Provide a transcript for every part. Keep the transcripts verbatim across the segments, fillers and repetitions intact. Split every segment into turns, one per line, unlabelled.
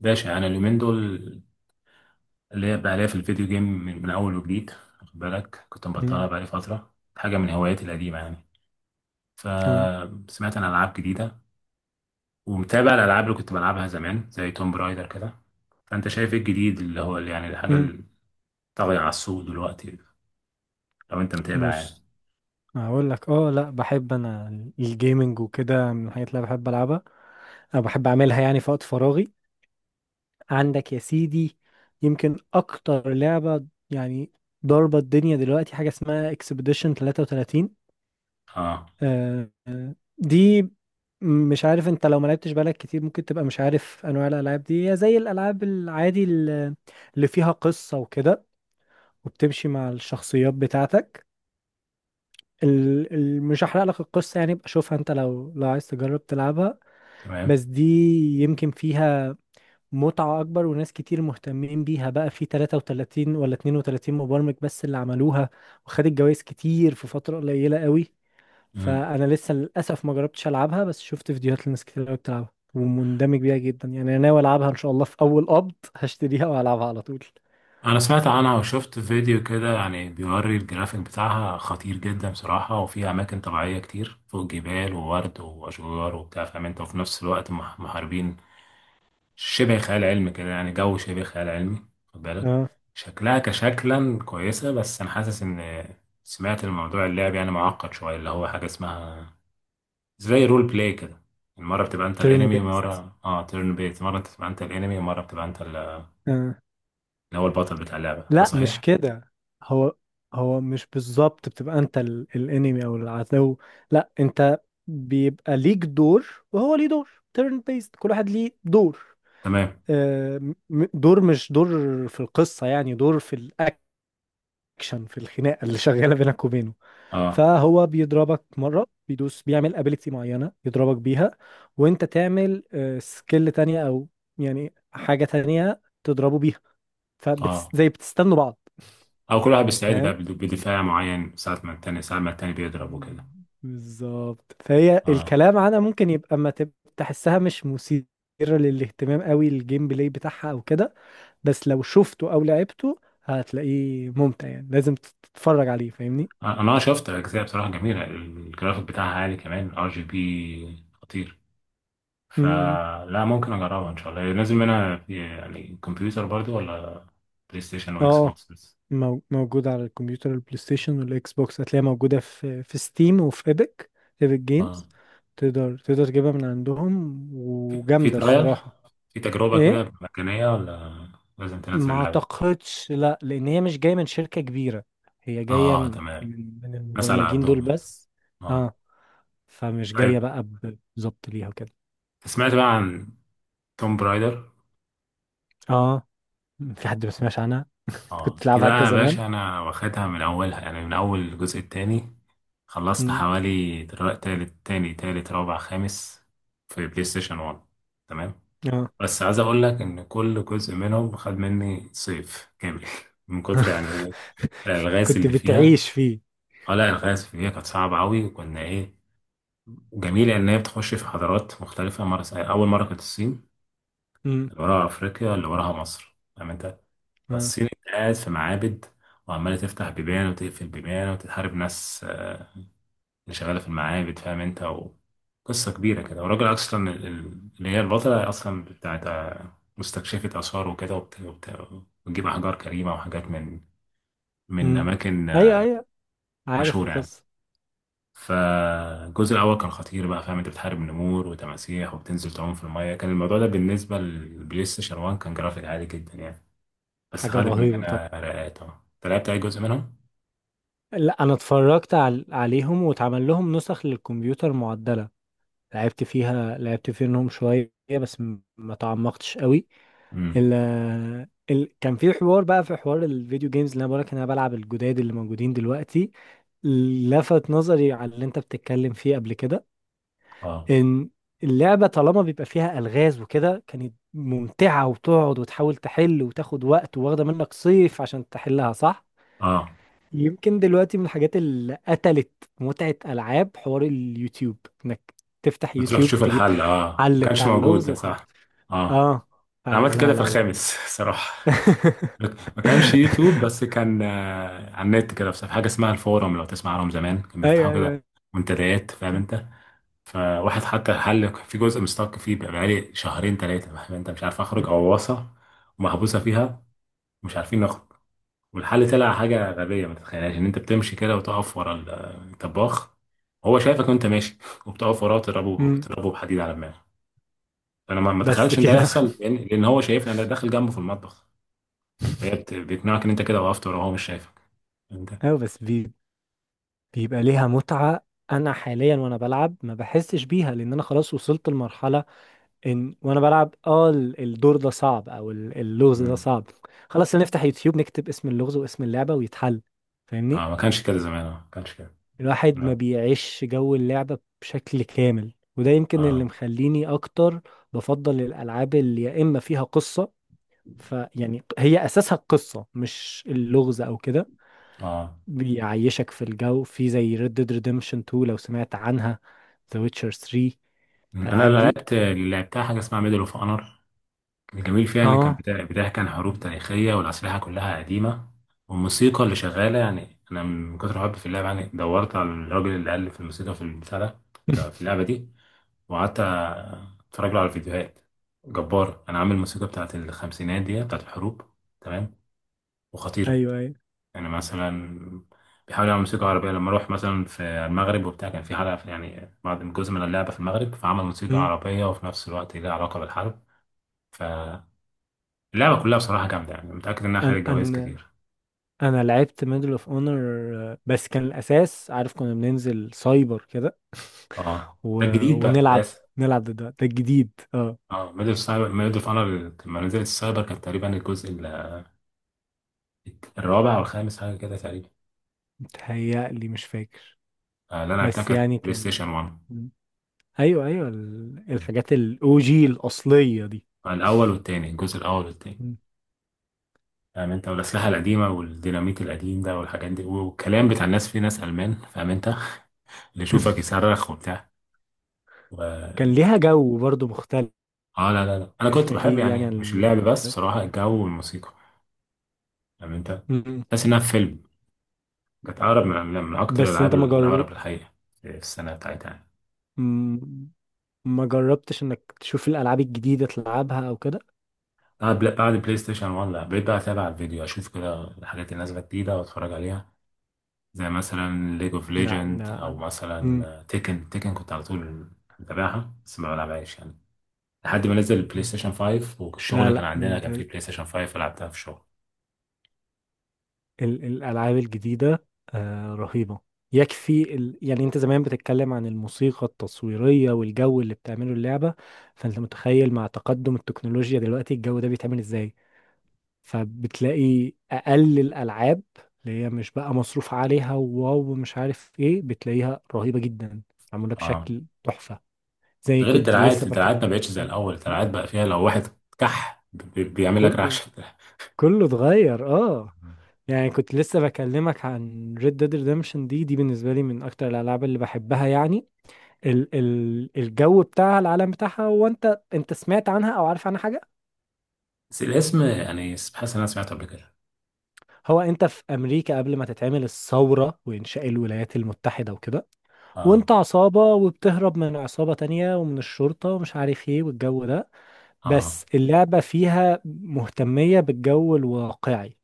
باشا انا اليومين دول اللي هي بقى ليا في الفيديو جيم من, من اول وجديد خد بالك كنت مبطلها
مم.
بقالي فتره حاجه من هواياتي القديمه يعني.
اه
فسمعت عن العاب جديده ومتابع الالعاب اللي كنت بلعبها زمان زي توم برايدر كده. فانت شايف ايه الجديد اللي هو اللي يعني الحاجه
مم.
اللي طاغيه على السوق دلوقتي؟ لو انت متابع يعني.
بص، هقول لك. اه لا، بحب انا الجيمنج وكده، من الحاجات اللي أنا بحب العبها. انا بحب اعملها يعني في وقت فراغي. عندك يا سيدي، يمكن اكتر لعبة يعني ضاربة الدنيا دلوقتي حاجة اسمها اكسبيديشن ثلاثة وثلاثين.
اه،
آه، آه، دي مش عارف انت لو ما لعبتش بالك كتير ممكن تبقى مش عارف انواع الالعاب دي، هي زي الالعاب العادي اللي اللي فيها قصة وكده، وبتمشي مع الشخصيات بتاعتك. ال... ال... مش هحرق لك القصة يعني، بقى شوفها انت لو لو عايز تجرب تلعبها.
تمام.
بس دي يمكن فيها متعة أكبر، وناس كتير مهتمين بيها بقى. في ثلاثة وثلاثين ولا اتنين وثلاثين مبرمج بس اللي عملوها، وخدت جوائز كتير في فترة قليلة قوي. فأنا لسه للأسف ما جربتش ألعبها، بس شفت فيديوهات لناس كتير قوي بتلعبها ومندمج بيها جدا. يعني أنا ناوي ألعبها إن شاء الله، في أول قبض هشتريها وهلعبها على طول.
انا سمعت عنها وشفت فيديو كده يعني بيوري الجرافيك بتاعها خطير جدا بصراحة، وفي اماكن طبيعية كتير فوق جبال وورد واشجار وبتاع فاهم انت، وفي نفس الوقت مح- محاربين. شبه خيال علمي كده يعني، جو شبه خيال علمي خد بالك.
اه،
شكلها كشكلا كويسة بس انا حاسس ان سمعت الموضوع اللعب يعني معقد شوية، اللي هو حاجة اسمها زي رول بلاي كده. مرة بتبقى انت
تيرن
الانمي،
بيست.
مرة اه تيرن بيت، مرة بتبقى انت الانمي، مرة بتبقى انت ال- اللي هو البطل بتاع اللعبة، ده
لا مش
صحيح؟
كده. هو هو مش بالظبط بتبقى انت ال- الانمي او العدو. لا انت بيبقى ليك دور، وهو ليه دور تيرن بيست، كل واحد ليه دور.
تمام.
آه، م- م- دور مش دور في القصة يعني، دور في الاكشن، في الخناقة اللي شغالة بينك وبينه.
اه.
فهو بيضربك مرة، بيدوس بيعمل ابيليتي معينة يضربك بيها، وانت تعمل سكيل تانية، او يعني حاجة تانية تضربه بيها،
اه،
فزي بتستنوا بعض.
او كل واحد بيستعيد بقى
فاهم.
بد- بدفاع معين، ساعة ما التاني ساعة ما التاني بيضرب وكده.
بالظبط. فهي
اه.
الكلام عنها ممكن يبقى ما تب- تحسها مش مثيرة للاهتمام قوي، الجيم بلاي بتاعها او كده. بس لو شفته او لعبته هتلاقيه ممتع يعني، لازم تتفرج عليه فاهمني.
انا آه شفت اجزاء بصراحة جميلة، الجرافيك بتاعها عالي، كمان ار جي بي خطير.
امم.
فلا، ممكن اجربها ان شاء الله. نازل منها في يعني كمبيوتر برضو ولا بلاي ستيشن واكس
اه.
بوكس بس؟
مو- موجود على الكمبيوتر، البلاي ستيشن والاكس بوكس. هتلاقيها موجودة في في ستيم وفي ايبك، ايبك
اه.
جيمز. تقدر تقدر تجيبها من عندهم،
في
وجامدة
ترايل،
الصراحة.
في تجربة
ايه،
كده مجانية، ولا لازم تنزل
ما
اللعبة؟
اعتقدش، لا، لان هي مش جايه من شركه كبيره، هي جايه
اه،
من،
تمام.
من
ناس على
المبرمجين دول
قدهم.
بس.
اه.
اه. فمش جايه
طيب،
بقى ب- بالظبط ليها وكده.
سمعت بقى عن توم برايدر.
اه. في حد ما سمعش عنها. كنت
اه، دي
تلعبها
بقى
انت
يا
زمان.
باشا انا واخدها من اولها، يعني من اول الجزء التاني. خلصت
امم.
حوالي دلوقتي تالت تاني تالت رابع خامس، في بلاي ستيشن واحد. تمام.
اه.
بس عايز اقول لك ان كل جزء منهم خد مني صيف كامل من كتر يعني ايه الالغاز
كنت
اللي فيها.
بتعيش فيه.
اه لا، الالغاز اللي فيها كانت صعبه قوي، وكنا ايه، جميله ان هي بتخش في حضارات مختلفه، مره اول مره كانت الصين،
امم.
اللي وراها افريقيا، اللي وراها مصر، فاهم انت.
اه.
فالصين انت قاعد في معابد، وعمالة تفتح بيبان وتقفل بيبان وتتحارب ناس اللي شغالة في المعابد، فاهم انت. وقصة كبيرة كده، والراجل أصلا ال- ال- اللي هي البطلة أصلا بتاعت مستكشفة آثار وكده، وبت- وبت- وتجيب أحجار كريمة وحاجات من من
امم.
أماكن
ايوه، ايوه، عارف
مشهورة يعني.
القصه.
فالجزء الأول كان خطير بقى فاهم انت، بتحارب نمور وتماسيح وبتنزل تعوم في المية، كان الموضوع ده بالنسبة للبلاي ستيشن واحد كان جرافيك عالي جدا يعني. بس
حاجه
خدت
رهيبه
مننا
طبعا.
رقات. اه، انت لعبت أي جزء منهم؟
لا انا اتفرجت عل... عليهم، واتعمل لهم نسخ للكمبيوتر معدله، لعبت فيها، لعبت فيهم شويه، بس م- ما تعمقتش قوي. ال ال كان في حوار، بقى في حوار الفيديو جيمز، اللي انا بقولك إن انا بلعب الجداد اللي موجودين دلوقتي، لفت نظري على اللي انت بتتكلم فيه قبل كده.
اه.
ان اللعبة طالما بيبقى فيها ألغاز وكده، كانت ممتعة، وتقعد وتحاول تحل، وتاخد وقت، واخدة منك صيف عشان تحلها، صح؟
اه،
يمكن دلوقتي من الحاجات اللي قتلت متعة ألعاب، حوار اليوتيوب، انك تفتح
بتروح
يوتيوب،
تشوف
تجيب
الحل، اه ما
حل
كانش
بتاع
موجود
اللغز
ده،
وخلاص.
صح. اه،
اه.
انا عملت كده
فلا،
في
لا لا.
الخامس صراحة. ما كانش يوتيوب، بس كان آه، على النت كده في حاجة اسمها الفورم، لو تسمع عنهم زمان كانوا بيفتحوا
ايوه،
كده
ايوه.
منتديات، فاهم انت. فواحد حط حل في جزء مستك فيه بقى بقالي شهرين ثلاثة، فاهم انت، مش عارف اخرج غواصة ومحبوسة فيها ومش عارفين نخرج. والحل طلع حاجة غبية ما تتخيلهاش، ان انت بتمشي كده وتقف ورا الطباخ، هو شايفك وانت ماشي، وبتقف وراه تضربه
أمم،
تضربه بحديد على دماغه. فانا ما ما
بس
اتخيلش ان ده
كده.
يحصل، لان لأن هو شايفني انا داخل جنبه في المطبخ. فهي بت- بيقنعك ان انت كده وقفت وراه وهو مش شايفك انت.
ايوه، بس بي... بيبقى ليها متعة. انا حاليا وانا بلعب ما بحسش بيها، لان انا خلاص وصلت لمرحلة ان وانا بلعب، اه، ال- الدور ده صعب، او ال- اللغز ده
امم.
صعب، خلاص نفتح يوتيوب، نكتب اسم اللغز واسم اللعبة ويتحل، فاهمني.
اه، ما كانش كده زمان، اه ما كانش كده.
الواحد ما
لا.
بيعيش جو اللعبة بشكل كامل، وده يمكن اللي
اه.
مخليني اكتر بفضل الالعاب اللي يا اما فيها قصة، فيعني هي اساسها القصه مش اللغز او كده.
اه.
بيعيشك في الجو، في زي Red Dead Redemption تو، لو سمعت عنها، The Witcher ثري،
مم، انا
الالعاب
اللي
دي.
لعبت اللي لعبتها حاجة اسمها ميدل اوف اونر. الجميل فيها إن كان
اه.
بتا- بتحكي عن حروب تاريخية والأسلحة كلها قديمة، والموسيقى اللي شغالة يعني، أنا من كتر حبي في اللعبة يعني دورت على الراجل اللي ألف الموسيقى في البتاع ده في اللعبة دي، وقعدت أتفرج له على الفيديوهات. جبار، أنا عامل الموسيقى بتاعت الخمسينات دي بتاعت الحروب. تمام، وخطيرة
ايوه، ايوه.
يعني. مثلا بيحاول يعمل موسيقى عربية لما أروح مثلا في المغرب وبتاع، كان في حلقة في يعني بعض جزء من اللعبة في المغرب، فعمل موسيقى
مم.
عربية وفي نفس الوقت ليها علاقة بالحرب. ف اللعبة كلها بصراحة جامدة يعني، متأكد إنها
انا
خدت جوايز
انا
كتير.
انا لعبت ميدل اوف اونر، بس كان الاساس عارف كنا بننزل سايبر كده.
اه،
و...
ده الجديد بقى
ونلعب
لسه.
نلعب ضد بعض. ده الجديد، اه.
اه، ميدل اوف سايبر، ميدل اوف اونر لما نزلت السايبر كانت تقريبا الجزء ال- الرابع أو الخامس حاجة كده تقريبا.
متهيألي مش فاكر.
آه، اللي أنا لعبتها
بس
كانت
يعني
بلاي
كان،
ستيشن واحد.
ايوه ايوه، ال-
آه،
الحاجات الاو جي الاصليه دي.
الأول والتاني، الجزء الأول والتاني،
مم.
فاهم أنت، والأسلحة القديمة والديناميت القديم ده والحاجات دي، والكلام بتاع الناس في ناس ألمان، فاهم أنت اللي يشوفك يصرخ وبتاع و...
كان ليها جو برضو مختلف.
اه لا لا لا، أنا كنت بحب
اكيد يعني
يعني
عن
مش اللعب
الألعاب
بس
دلوقتي.
بصراحة، الجو والموسيقى، فاهم أنت.
مم.
تحس إنها في فيلم. كانت أقرب من من من أكتر
بس
الألعاب
انت ما جر...
الأقرب للحقيقة في السنة بتاعتها يعني.
مم. ما جربتش انك تشوف الالعاب الجديده، تلعبها او كده.
بعد بلا- بعد بلاي ستيشن واحد، لا بقيت بقى أتابع الفيديو، أشوف كده الحاجات اللي نازلة جديدة وأتفرج عليها، زي مثلا ليج أوف
لا
ليجند، أو
لا مم.
مثلا تيكن تيكن، كنت على طول متابعها بس ما بلعبهاش يعني. لحد ما نزل البلاي
مم.
ستيشن خمسة،
لا
والشغل كان
لا
عندنا
انت
كان
ال...
فيه بلاي ستيشن خمسة فلعبتها في الشغل.
ال... الالعاب الجديده آه رهيبه، يكفي ال... يعني انت زمان بتتكلم عن الموسيقى التصويريه والجو اللي بتعمله اللعبه، فانت متخيل مع تقدم التكنولوجيا دلوقتي الجو ده بيتعمل ازاي. فبتلاقي اقل الالعاب اللي هي مش بقى مصروف عليها وواو مش عارف ايه بتلاقيها رهيبة جدا، معمولة
اه،
بشكل تحفة. زي
ده غير
كنت لسه
الدراعات، الدراعات ما
بكلم
بقتش زي
عن-
الأول.
م؟
الدراعات بقى فيها لو واحد كح بي- بيعمل لك
كله
رعشة.
كله اتغير، اه. يعني كنت لسه بكلمك عن Red Dead Redemption، دي دي بالنسبة لي من أكتر الألعاب اللي بحبها يعني. ال ال الجو بتاعها، العالم بتاعها، هو أنت أنت سمعت عنها أو عارف عنها حاجة؟
بس الاسم يعني، حاسس إن أنا سمعته قبل كده.
هو أنت في أمريكا قبل ما تتعمل الثورة وإنشاء الولايات المتحدة وكده،
اه.
وانت عصابة، وبتهرب من عصابة تانية ومن الشرطة ومش عارف ايه والجو ده.
اه.
بس اللعبة فيها مهتمية بالجو الواقعي،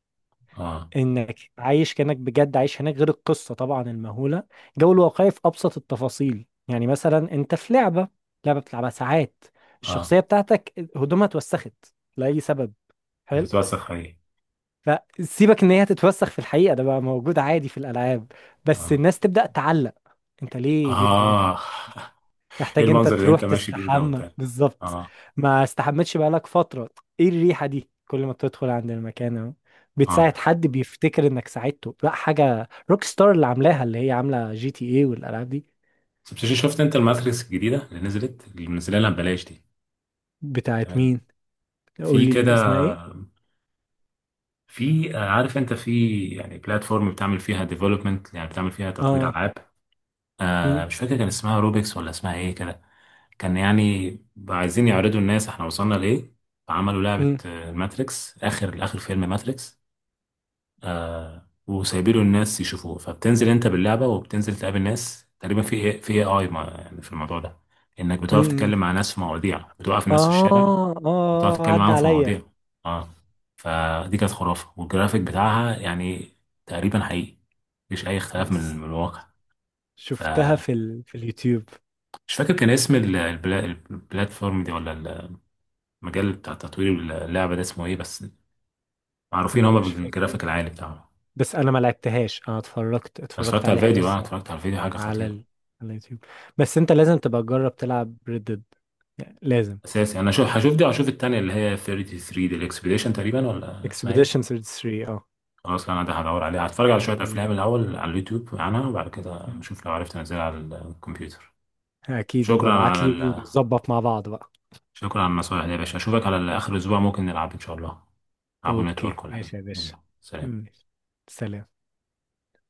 اه.
انك عايش كأنك بجد عايش هناك، غير القصة طبعا المهولة. الجو الواقعي في ابسط التفاصيل، يعني مثلا انت في لعبة، لعبة بتلعبها ساعات،
اه،
الشخصية بتاعتك هدومها اتوسخت لأي سبب، حلو.
هتتوسخ ايه.
فسيبك ان هي تتوسخ في الحقيقة، ده بقى موجود عادي في الألعاب، بس
اه.
الناس تبدأ تعلق، انت ليه ليه هدومك،
اه ايه
تحتاج انت
المنظر اللي
تروح
انت ماشي بيه ده
تستحمى
وبتاع.
بالظبط،
اه.
ما استحمتش بقالك فترة، ايه الريحة دي، كل ما تدخل عند المكان اهو،
اه،
بتساعد حد بيفتكر انك ساعدته. لا، حاجة روك ستار اللي عاملاها، اللي هي عاملة جي تي ايه والالعاب دي.
طب شفت، شفت انت الماتريكس الجديدة اللي نزلت اللي منزلها ببلاش دي؟
بتاعت
تمام.
مين؟
في
قول لي
كده،
اسمها ايه.
في آه، عارف انت في يعني بلاتفورم بتعمل فيها ديفلوبمنت يعني بتعمل فيها تطوير
اه.
العاب. آه
امم.
مش فاكر كان اسمها روبيكس ولا اسمها ايه كده. كان يعني عايزين يعرضوا الناس احنا وصلنا لايه. فعملوا لعبة
امم.
آه، ماتريكس، اخر اخر فيلم ماتريكس. آه، وسايبينه الناس يشوفوه. فبتنزل انت باللعبه وبتنزل تقابل ناس تقريبا في ايه في اي اي يعني في الموضوع ده، انك بتقف
امم.
تتكلم مع ناس في مواضيع، بتوقف الناس في الشارع
اه،
وتقعد
اه،
تتكلم
عدى
معاهم في
عليا.
مواضيع. اه. فدي كانت خرافه، والجرافيك بتاعها يعني تقريبا حقيقي، مفيش اي اختلاف من
بس
من الواقع.
شفتها
فمش
في ال... في اليوتيوب.
فاكر كان اسم ال- البلا- البلاتفورم دي، ولا المجال بتاع تطوير اللعبه ده اسمه ايه بس. معروفين
انا
هما
مش فاكر،
بالجرافيك العالي بتاعهم. انا
بس انا ما لعبتهاش، انا اتفرجت اتفرجت
اتفرجت على
عليها
الفيديو، اه
بس.
اتفرجت على الفيديو حاجه
على
خطيره.
ال... على اليوتيوب. بس انت لازم تبقى تجرب تلعب ريد ديد، يعني لازم.
اساسي انا شو، هشوف دي وهشوف التانية اللي هي تلاتة وتلاتين دي، الاكسبيديشن تقريبا ولا اسمها
اكسبيديشن
ايه.
ثلاثة وثلاثين، اه.
خلاص، لا انا ده هدور عليها، هتفرج على شوية افلام
ال-
الاول على اليوتيوب عنها، وبعد كده
مم.
اشوف لو عرفت انزلها على الكمبيوتر.
اكيد،
شكرا
وببعت
على
لي
ال...
ونظبط مع بعض بقى.
شكرا على النصائح دي يا باشا. اشوفك على اخر الاسبوع، ممكن نلعب ان شاء الله، نلعبوا
اوكي
نتورك ولا حاجة.
ماشي يا باشا.
يلا، سلام.
مم. سلام.